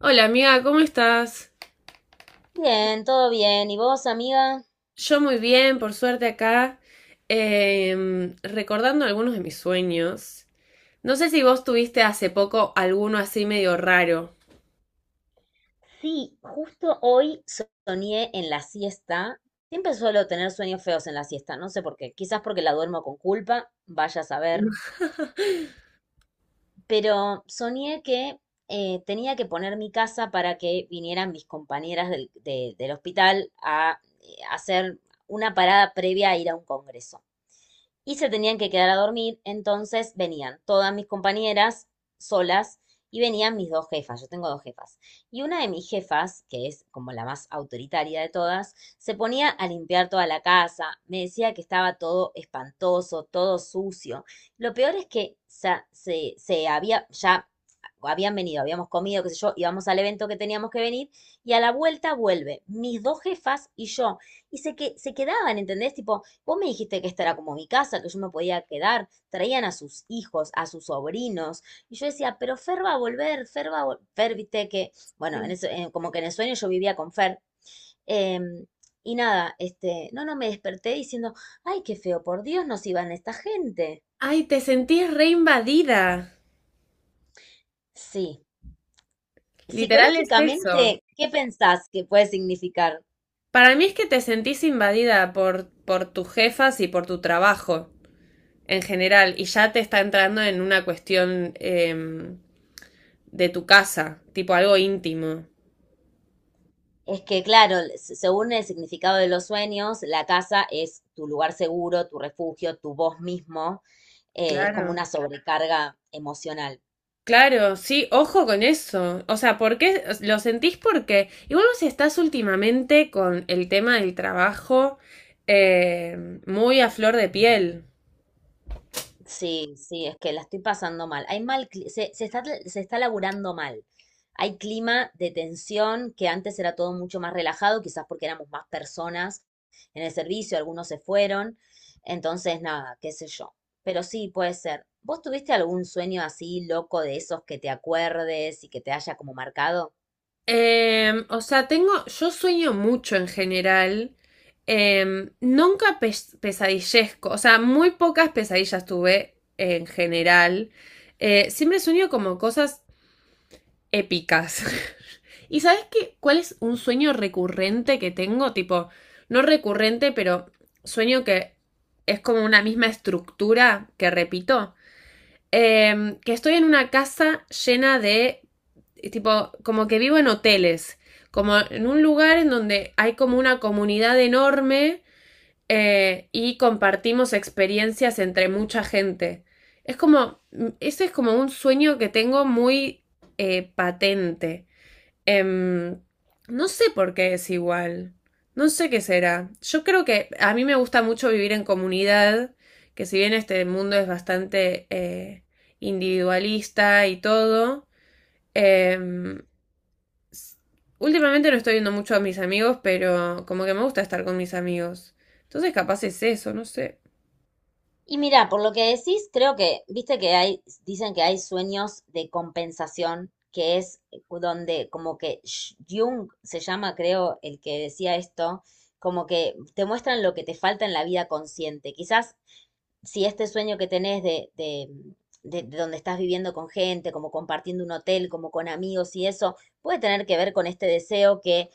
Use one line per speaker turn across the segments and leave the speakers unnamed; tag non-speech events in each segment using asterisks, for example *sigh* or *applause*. Hola amiga, ¿cómo estás?
Bien, todo bien. ¿Y vos, amiga?
Yo muy bien, por suerte acá, recordando algunos de mis sueños. No sé si vos tuviste hace poco alguno así medio raro.
Sí, justo hoy, soñé en la siesta. Siempre suelo tener sueños feos en la siesta, no sé por qué. Quizás porque la duermo con culpa, vaya a saber.
*laughs*
Pero soñé que tenía que poner mi casa para que vinieran mis compañeras del hospital a hacer una parada previa a ir a un congreso. Y se tenían que quedar a dormir, entonces venían todas mis compañeras solas y venían mis dos jefas, yo tengo dos jefas. Y una de mis jefas, que es como la más autoritaria de todas, se ponía a limpiar toda la casa, me decía que estaba todo espantoso, todo sucio. Lo peor es que se había, ya habían venido, habíamos comido, qué sé yo, íbamos al evento que teníamos que venir y a la vuelta vuelve mis dos jefas y yo. Y se, que, se quedaban, ¿entendés? Tipo, vos me dijiste que esta era como mi casa, que yo me podía quedar. Traían a sus hijos, a sus sobrinos. Y yo decía, pero Fer va a volver, Fer va a volver. Fer, viste que, bueno,
Sí.
como que en el sueño yo vivía con Fer. Em, y nada, este, no, no, me desperté diciendo, ay, qué feo, por Dios, nos iban esta gente.
Ay, te sentís reinvadida.
Sí.
Literal es eso.
Psicológicamente, ¿qué pensás que puede significar?
Para mí es que te sentís invadida por tus jefas y por tu trabajo en general, y ya te está entrando en una cuestión de tu casa, tipo algo íntimo.
Es que, claro, según el significado de los sueños, la casa es tu lugar seguro, tu refugio, tu vos mismo. Es como
Claro.
una sobrecarga emocional.
Claro, sí, ojo con eso. O sea, ¿por qué lo sentís? Porque igual vos estás últimamente con el tema del trabajo muy a flor de piel.
Sí, sí, es que la estoy pasando mal. Hay mal, se está laburando mal. Hay clima de tensión que antes era todo mucho más relajado, quizás porque éramos más personas en el servicio, algunos se fueron. Entonces, nada, qué sé yo. Pero sí, puede ser. ¿Vos tuviste algún sueño así loco de esos que te acuerdes y que te haya como marcado?
O sea, tengo, yo sueño mucho en general. Nunca pesadillezco, o sea, muy pocas pesadillas tuve en general. Siempre sueño como cosas épicas. *laughs* ¿Y sabes qué? ¿Cuál es un sueño recurrente que tengo? Tipo, no recurrente, pero sueño que es como una misma estructura que repito. Que estoy en una casa llena de, tipo, como que vivo en hoteles, como en un lugar en donde hay como una comunidad enorme, y compartimos experiencias entre mucha gente. Es como, ese es como un sueño que tengo muy patente. Em, no sé por qué es igual. No sé qué será. Yo creo que a mí me gusta mucho vivir en comunidad, que si bien este mundo es bastante individualista y todo, em, s- últimamente no estoy viendo mucho a mis amigos, pero como que me gusta estar con mis amigos. Entonces capaz es eso, no sé.
Y mira, por lo que decís, creo que, viste que hay, dicen que hay sueños de compensación, que es donde como que Jung se llama, creo, el que decía esto, como que te muestran lo que te falta en la vida consciente. Quizás si este sueño que tenés de donde estás viviendo con gente, como compartiendo un hotel, como con amigos y eso, puede tener que ver con este deseo que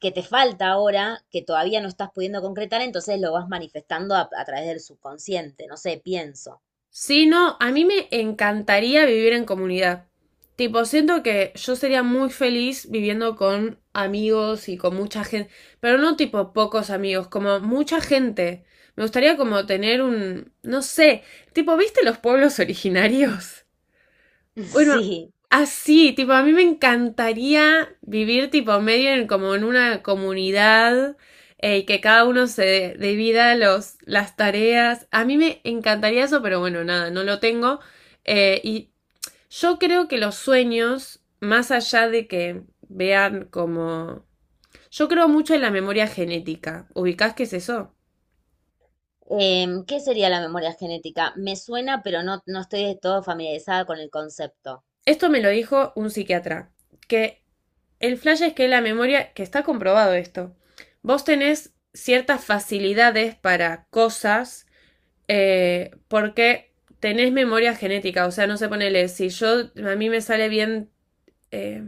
que te falta ahora, que todavía no estás pudiendo concretar, entonces lo vas manifestando a través del subconsciente, no sé, pienso.
Sí, no, a mí me encantaría vivir en comunidad. Tipo, siento que yo sería muy feliz viviendo con amigos y con mucha gente, pero no tipo pocos amigos, como mucha gente. Me gustaría como tener un, no sé, tipo, ¿viste los pueblos originarios?
*laughs*
Bueno,
Sí.
así, tipo, a mí me encantaría vivir tipo medio en como en una comunidad, y que cada uno se divida las tareas. A mí me encantaría eso, pero bueno, nada, no lo tengo. Y yo creo que los sueños, más allá de que vean como... Yo creo mucho en la memoria genética. ¿Ubicás qué es eso?
¿Qué sería la memoria genética? Me suena, pero no estoy de todo familiarizada con el concepto.
Esto me lo dijo un psiquiatra, que el flash es que la memoria, que está comprobado esto, vos tenés ciertas facilidades para cosas, porque tenés memoria genética, o sea, no se sé, ponele, si yo, a mí me sale bien, eh,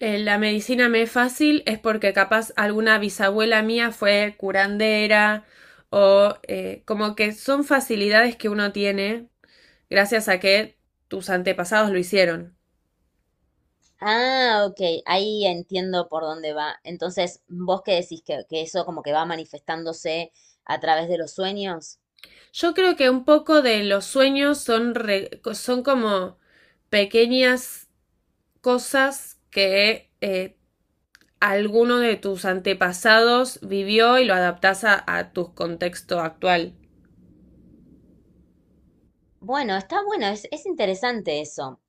la medicina me es fácil, es porque capaz alguna bisabuela mía fue curandera o como que son facilidades que uno tiene gracias a que tus antepasados lo hicieron.
Ah, ok, ahí entiendo por dónde va. Entonces, ¿vos qué decís que eso como que va manifestándose a través de los sueños?
Yo creo que un poco de los sueños son, son como pequeñas cosas que alguno de tus antepasados vivió y lo adaptás a tu contexto actual.
Bueno, está bueno, es interesante eso.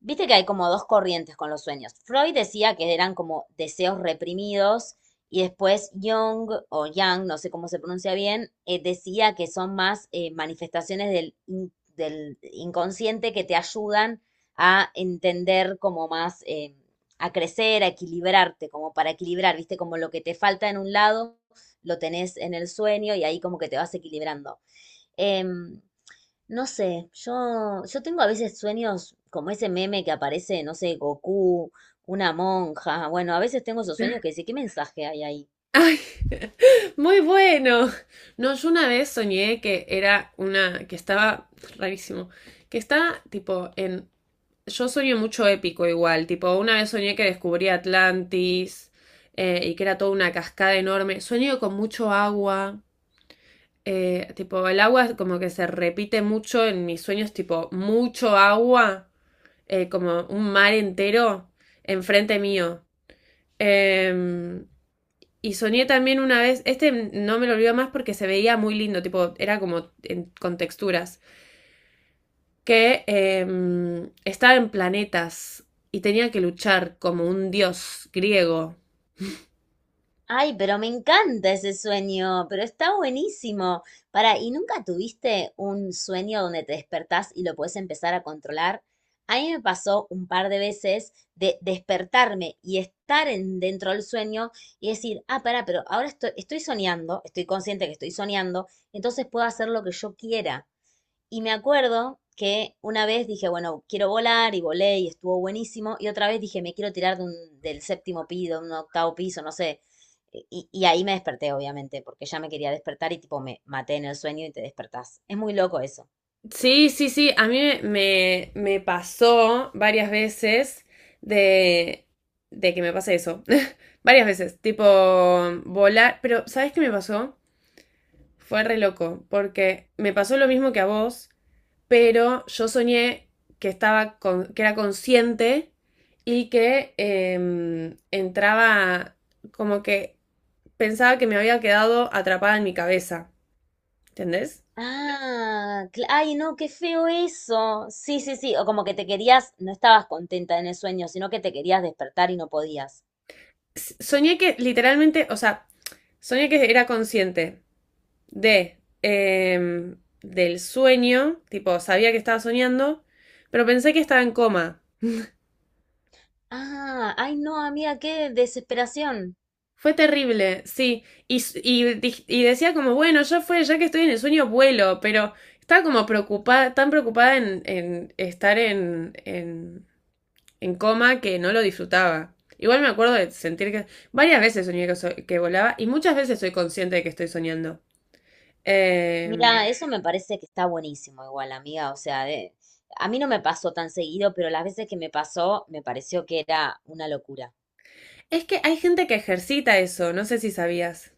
Viste que hay como dos corrientes con los sueños. Freud decía que eran como deseos reprimidos y después Jung o Yang, no sé cómo se pronuncia bien, decía que son más manifestaciones del inconsciente que te ayudan a entender como más, a crecer, a equilibrarte, como para equilibrar, viste, como lo que te falta en un lado, lo tenés en el sueño y ahí como que te vas equilibrando. Em, no sé, yo tengo a veces sueños como ese meme que aparece, no sé, Goku, una monja. Bueno, a veces tengo esos sueños que
*laughs*
dice, ¿qué mensaje hay ahí?
Ay, muy bueno. No, yo una vez soñé que era una, que estaba rarísimo, que estaba tipo en... Yo soñé mucho épico igual, tipo, una vez soñé que descubrí Atlantis, y que era toda una cascada enorme. Soñé con mucho agua, tipo, el agua como que se repite mucho en mis sueños, tipo, mucho agua, como un mar entero enfrente mío. Em, y soñé también una vez, este no me lo olvido más porque se veía muy lindo, tipo, era como con texturas. Que estaba en planetas y tenía que luchar como un dios griego.
Ay, pero me encanta ese sueño, pero está buenísimo. Para, ¿y nunca tuviste un sueño donde te despertás y lo puedes empezar a controlar? A mí me pasó un par de veces de despertarme y estar en, dentro del sueño y decir, ah, pará, pero ahora estoy soñando, estoy consciente que estoy soñando, entonces puedo hacer lo que yo quiera. Y me acuerdo que una vez dije, bueno, quiero volar y volé y estuvo buenísimo. Y otra vez dije, me quiero tirar del séptimo piso, un octavo piso, no sé. Y ahí me desperté, obviamente, porque ya me quería despertar y tipo me maté en el sueño y te despertás. Es muy loco eso.
Sí, sí, sí, a mí me pasó varias veces de, de que me pase eso. *laughs* Varias veces, tipo volar, pero ¿sabes qué me pasó? Fue re loco, porque me pasó lo mismo que a vos, pero yo soñé que estaba que era consciente y que entraba, como que pensaba que me había quedado atrapada en mi cabeza, ¿entendés?
Ah, ay, no, qué feo eso. Sí, sí, sí. O como que te querías, no estabas contenta en el sueño, sino que te querías despertar y no podías.
Soñé que literalmente, o sea, soñé que era consciente de, del sueño, tipo, sabía que estaba soñando, pero pensé que estaba en coma.
Ah, ay, no, amiga, qué desesperación.
Fue terrible, sí. Y, y decía como, bueno, ya fue, ya que estoy en el sueño, vuelo, pero estaba como preocupada, tan preocupada en estar en coma que no lo disfrutaba. Igual me acuerdo de sentir que varias veces soñé que, que volaba y muchas veces soy consciente de que estoy soñando. Eh,
Mira, eso me parece que está buenísimo igual, amiga. O sea, de, a mí no me pasó tan seguido, pero las veces que me pasó me pareció que era una locura.
es que hay gente que ejercita eso, no sé si sabías.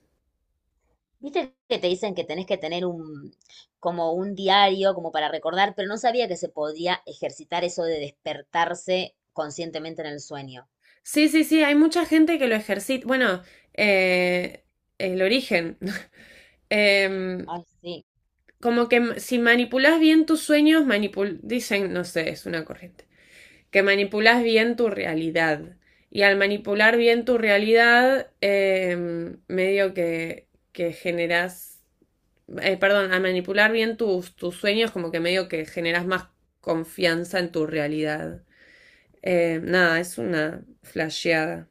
Viste que te dicen que tenés que tener un, como un diario, como para recordar, pero no sabía que se podía ejercitar eso de despertarse conscientemente en el sueño.
Sí, sí, sí, hay mucha gente que lo ejercita. Bueno, eh, el origen. *laughs* Em,
Ay, sí.
Como que si manipulas bien tus sueños, manipul dicen, no sé, es una corriente, que manipulas bien tu realidad. Y al manipular bien tu realidad, medio que generas, perdón, al manipular bien tus sueños, como que medio que generas más confianza en tu realidad. Nada, es una flasheada.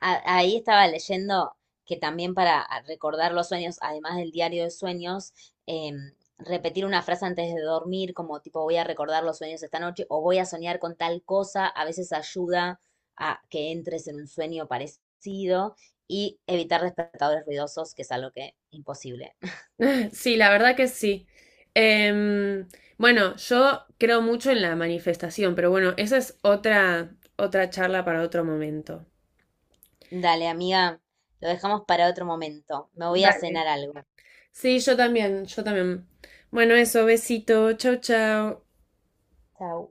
Ahí estaba leyendo que también para recordar los sueños, además del diario de sueños, em, repetir una frase antes de dormir, como tipo voy a recordar los sueños esta noche o voy a soñar con tal cosa, a veces ayuda a que entres en un sueño parecido y evitar despertadores ruidosos, que es algo que imposible.
Sí, la verdad que sí. Em, bueno, yo creo mucho en la manifestación, pero bueno, esa es otra, otra charla para otro momento.
Dale, amiga, lo dejamos para otro momento. Me voy a
Dale.
cenar algo.
Sí, yo también, yo también. Bueno, eso, besito, chau, chau.
Chao.